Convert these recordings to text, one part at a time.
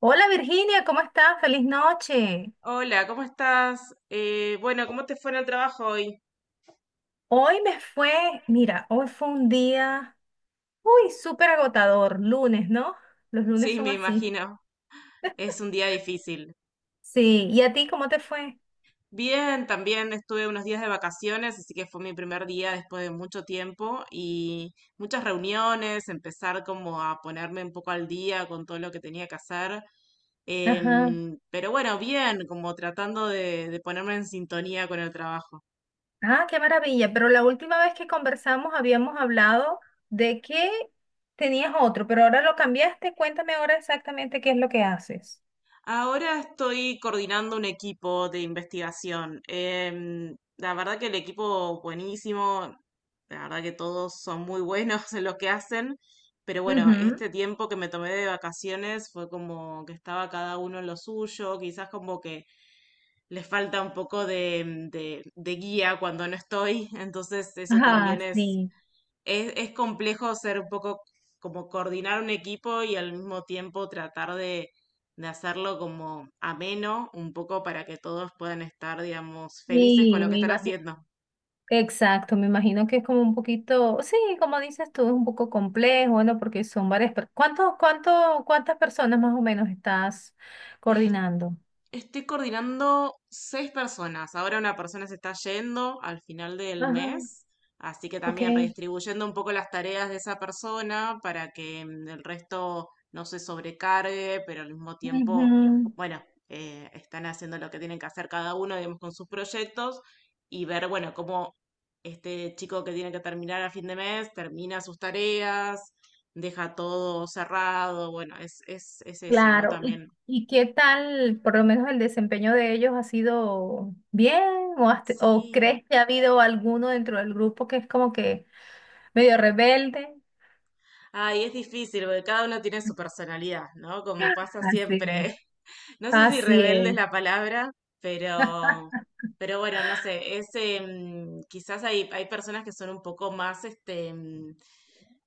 Hola Virginia, ¿cómo estás? Feliz noche. Hola, ¿cómo estás? Bueno, ¿cómo te fue en el trabajo hoy? Hoy me fue, mira, hoy fue un día, uy, súper agotador, lunes, ¿no? Los lunes Sí, son me así. imagino. Es un día difícil. Sí, ¿y a ti cómo te fue? Bien, también estuve unos días de vacaciones, así que fue mi primer día después de mucho tiempo y muchas reuniones, empezar como a ponerme un poco al día con todo lo que tenía que hacer. Ajá. Pero bueno, bien, como tratando de ponerme en sintonía con el trabajo. Ah, qué maravilla, pero la última vez que conversamos habíamos hablado de que tenías otro, pero ahora lo cambiaste. Cuéntame ahora exactamente qué es lo que haces. Ahora estoy coordinando un equipo de investigación. La verdad que el equipo buenísimo, la verdad que todos son muy buenos en lo que hacen, pero bueno, Ujú. este tiempo que me tomé de vacaciones fue como que estaba cada uno en lo suyo, quizás como que les falta un poco de guía cuando no estoy, entonces eso Ah, también es sí. es, es complejo ser un poco como coordinar un equipo y al mismo tiempo tratar de hacerlo como ameno, un poco para que todos puedan estar, digamos, felices con Sí, lo que me están imagino. haciendo. Exacto, me imagino que es como un poquito, sí, como dices tú, es un poco complejo, bueno, porque son varias, ¿ cuántas personas más o menos estás coordinando? Estoy coordinando seis personas. Ahora una persona se está yendo al final del Ajá, mes, así que ok. también redistribuyendo un poco las tareas de esa persona para que el resto no se sobrecargue, pero al mismo tiempo, Ujú. bueno, están haciendo lo que tienen que hacer cada uno, digamos, con sus proyectos y ver, bueno, cómo este chico que tiene que terminar a fin de mes termina sus tareas, deja todo cerrado. Bueno, es eso, ¿no? Claro. ¿Y, También. y qué tal, por lo menos el desempeño de ellos ha sido bien o Sí. crees que ha habido alguno dentro del grupo que es como que medio rebelde? Ay, es difícil porque cada uno tiene su personalidad, ¿no? Como pasa Así es. siempre. No sé si Así rebelde es es. la palabra, pero, pero bueno, no sé. Es quizás hay personas que son un poco más este,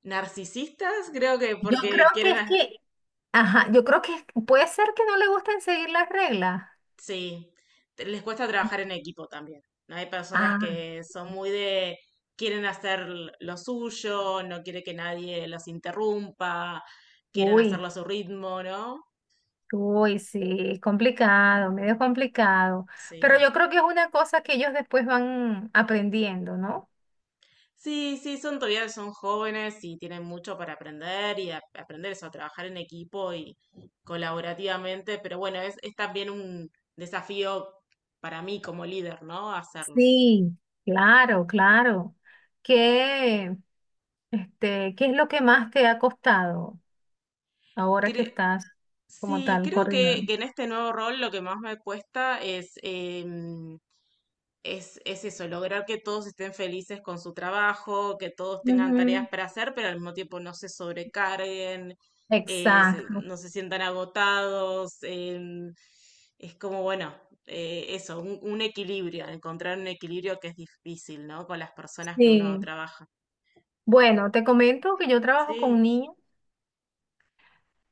narcisistas, creo que Yo porque creo que quieren, es que Ajá. Yo creo que puede ser que no le gusten seguir las reglas. sí, les cuesta trabajar en equipo también, ¿no? Hay personas Ah, que son muy de, quieren hacer lo suyo, no quiere que nadie los interrumpa, quieren uy, hacerlo a su ritmo, ¿no? uy, sí, es complicado, medio complicado. Pero Sí. yo creo que es una cosa que ellos después van aprendiendo, ¿no? Sí, sí, son todavía son jóvenes y tienen mucho para aprender y aprender eso, a trabajar en equipo y colaborativamente, pero bueno, es también un desafío para mí como líder, ¿no? Hacerlo. Sí, claro, claro. ¿Qué, qué es lo que más te ha costado ahora que Cre- estás como sí, tal creo coordinando? que en este nuevo rol lo que más me cuesta es es eso, lograr que todos estén felices con su trabajo, que todos tengan tareas Ujú. para hacer, pero al mismo tiempo no se sobrecarguen, Exacto. no se sientan agotados. Es como, bueno, eso, un equilibrio, encontrar un equilibrio que es difícil, ¿no? Con las personas que uno Sí. trabaja. Bueno, te comento que yo trabajo Sí, con niños.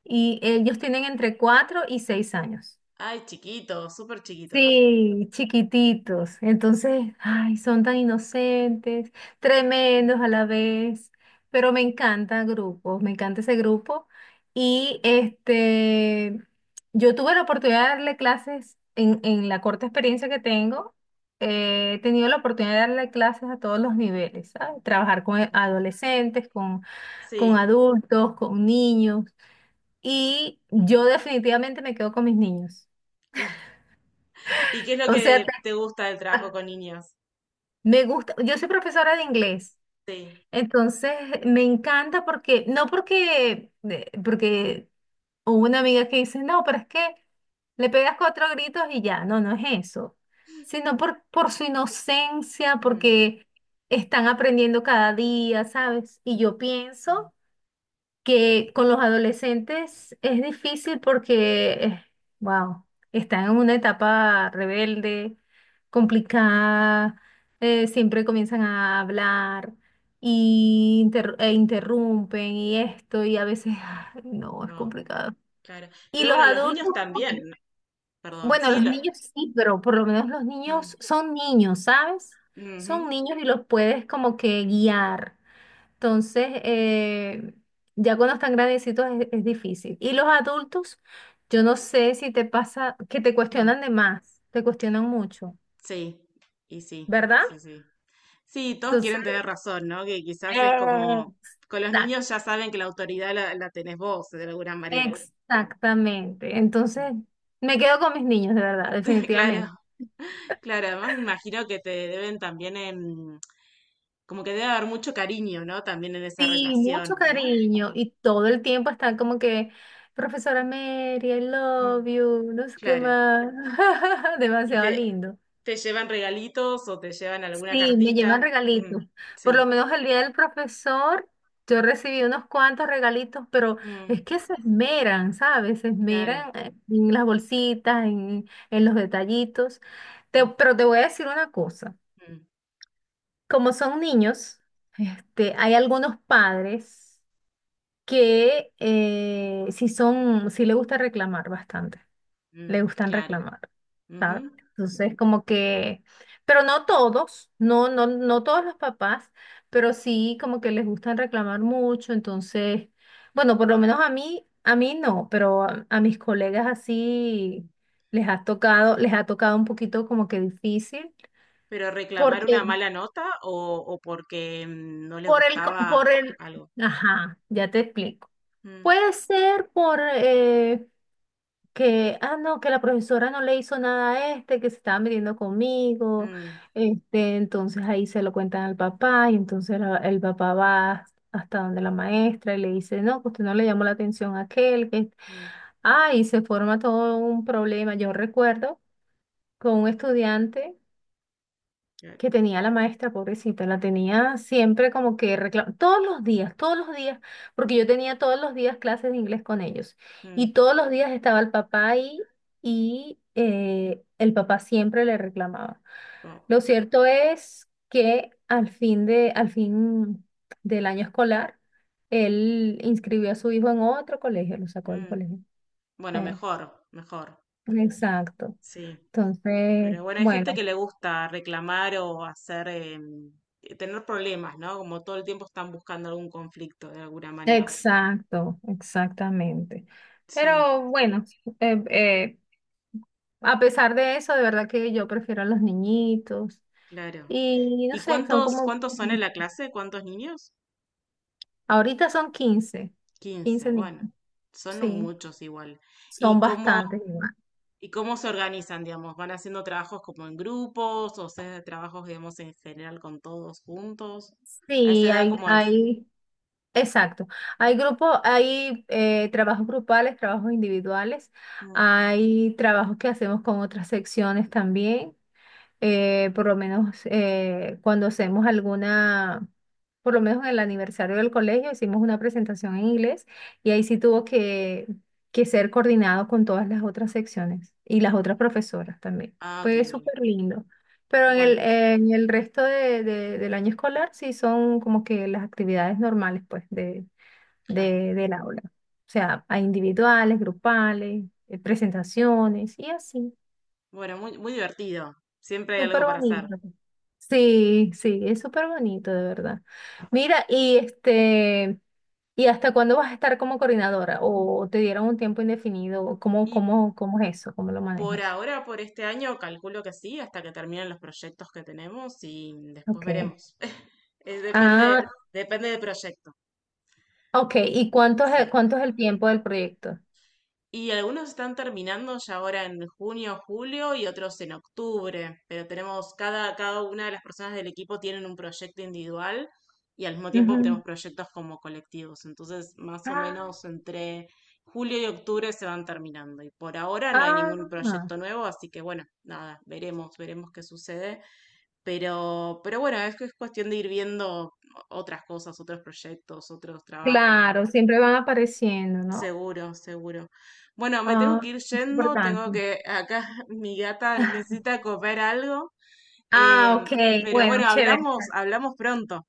Y ellos tienen entre 4 y 6 años. ay, chiquitos, súper chiquitos. Sí, chiquititos. Entonces, ay, son tan inocentes, tremendos a la vez, pero me encanta grupos, me encanta ese grupo. Y este, yo tuve la oportunidad de darle clases en la corta experiencia que tengo. He tenido la oportunidad de darle clases a todos los niveles, ¿sabes? Trabajar con Bien. adolescentes, con Sí, adultos, con niños y yo definitivamente me quedo con mis niños. claro. ¿Y qué es lo O sea, que te gusta del trabajo con niños? me gusta, yo soy profesora de inglés, Sí. entonces me encanta porque, no porque, de- porque hubo una amiga que dice, no, pero es que le pegas cuatro gritos y ya, no, no es eso, sino por su inocencia, Mm. porque están aprendiendo cada día, ¿sabes? Y yo pienso que con los adolescentes es difícil porque, wow, están en una etapa rebelde, complicada, siempre comienzan a hablar y e interrumpen y esto, y a veces, ay, no, es No, complicado. claro. Y Pero los bueno, los niños adultos, también, perdón, bueno, sí, los niños sí, pero por lo menos los bueno, niños son niños, ¿sabes? mm, ujú, Son niños y los puedes como que guiar. Entonces, ya cuando están grandecitos es difícil. Y los adultos, yo no sé si te pasa que te mm, cuestionan de más, te cuestionan mucho, sí, y sí, ¿verdad? sí, sí. Sí, todos Entonces. quieren tener razón, ¿no? Que quizás es Ah, como, con los ta- niños ya saben que la autoridad la tenés vos, de alguna manera. exactamente. Mm. Entonces, me quedo con mis niños, de verdad, Claro, definitivamente. claro, además me imagino que te deben también, como que debe haber mucho cariño, ¿no? También en esa Sí, mucho relación, ¿no? cariño y todo el Mm, tiempo están como que, profesora Mary, I mm. love you, no sé qué Claro. más. ¿Y Demasiado lindo. te llevan regalitos o te llevan alguna Sí, me llevan cartita? Mm, regalitos. Por sí. lo menos el día del profesor, yo recibí unos cuantos regalitos, pero Mm, es que se esmeran, ¿sabes? Se claro. esmeran, en las bolsitas, en los detallitos. Mm, Pero te voy a decir una cosa. mm, Como son niños, este, hay algunos padres que sí le gusta reclamar bastante. Le mm, gustan claro. reclamar, ¿sabes? Ujú, Entonces, como que, pero no todos, no, no, no todos los papás, pero sí como que les gustan reclamar mucho, entonces, bueno, por lo menos a mí no, pero a mis colegas así mm. Les ha tocado un poquito como que difícil, Pero reclamar porque una mala nota o porque no les por el, co- por gustaba el, algo. ajá, ya te explico. Mm, Puede ser por, que, ah, no, que la profesora no le hizo nada a este, que se estaba metiendo conmigo, mm, este, entonces ahí se lo cuentan al papá y entonces el papá va hasta donde la maestra y le dice, no, que usted no le llamó la atención a aquel, mm, y se forma todo un problema. Yo recuerdo con un estudiante claro, que tenía la maestra, pobrecita, la tenía siempre como que reclamando, todos los días, porque yo tenía todos los días clases de inglés con ellos mm, y todos los días estaba el papá ahí y el papá siempre le reclamaba. no, Lo cierto es que al fin del año escolar, él inscribió a su hijo en otro colegio, lo sacó del mm. colegio. Bueno, Eh, mejor, mejor, exacto. sí. Entonces, Pero bueno, hay gente bueno. que le gusta reclamar o hacer, tener problemas, ¿no? Como todo el tiempo están buscando algún conflicto de alguna manera. Exacto, exactamente. Sí, Pero bueno, eh, eh, a pesar de eso, de verdad que yo prefiero a los niñitos. claro. Y no ¿Y sé, son como, cuántos son en la clase? ¿Cuántos niños? ahorita son 15, 15 15 niños, bueno, son sí, muchos igual. ¿Y son bastantes igual. y cómo se organizan, digamos? ¿Van haciendo trabajos como en grupos o se hace trabajos, digamos, en general con todos juntos? ¿A esa Sí, edad cómo es? Exacto. Hay grupos, hay trabajos grupales, trabajos individuales, Mm. hay trabajos que hacemos con otras secciones también. Por lo menos cuando hacemos alguna, por lo menos en el aniversario del colegio, hicimos una presentación en inglés y ahí sí tuvo que ser coordinado con todas las otras secciones y las otras profesoras también. Ah, ok. Fue Ok. súper lindo. Pero en Bueno, el resto del año escolar sí son como que las actividades normales pues claro. Del aula. O sea, hay individuales, grupales, presentaciones y así. Bueno, muy, muy divertido. Siempre hay algo Súper para hacer. bonito. Sí, sí, es súper bonito, de verdad. Mira, y este, ¿y hasta cuándo vas a estar como coordinadora? ¿O te dieron un tiempo indefinido? ¿Cómo, Y cómo, cómo es eso? ¿Cómo lo por manejas? ahora, por este año, calculo que sí, hasta que terminen los proyectos que tenemos y después Ok. veremos. Depende, Ah, depende del proyecto. ok. ¿Y Sí. Cuánto es el tiempo del proyecto? Y algunos están terminando ya ahora en junio, julio y otros en octubre, pero tenemos cada, cada una de las personas del equipo tienen un proyecto individual y al mismo tiempo tenemos Ujú. proyectos como colectivos. Entonces, más o Ah, menos entre julio y octubre se van terminando. Y por ahora no hay ningún ah, proyecto nuevo, así que bueno, nada, veremos, veremos qué sucede. Pero bueno, es que es cuestión de ir viendo otras cosas, otros proyectos, otros trabajos, ¿no? claro, siempre van apareciendo, ¿no? Seguro, seguro. Bueno, me tengo Ah, que ir es yendo, tengo importante. que, acá mi gata necesita comer algo, Ah, em, ok. pero Bueno, bueno, chévere. hablamos, hablamos pronto.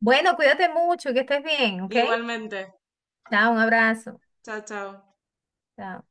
Bueno, cuídate mucho, que estés bien, ¿ok? Igualmente. Chao, un abrazo. Chao, chao. Chao.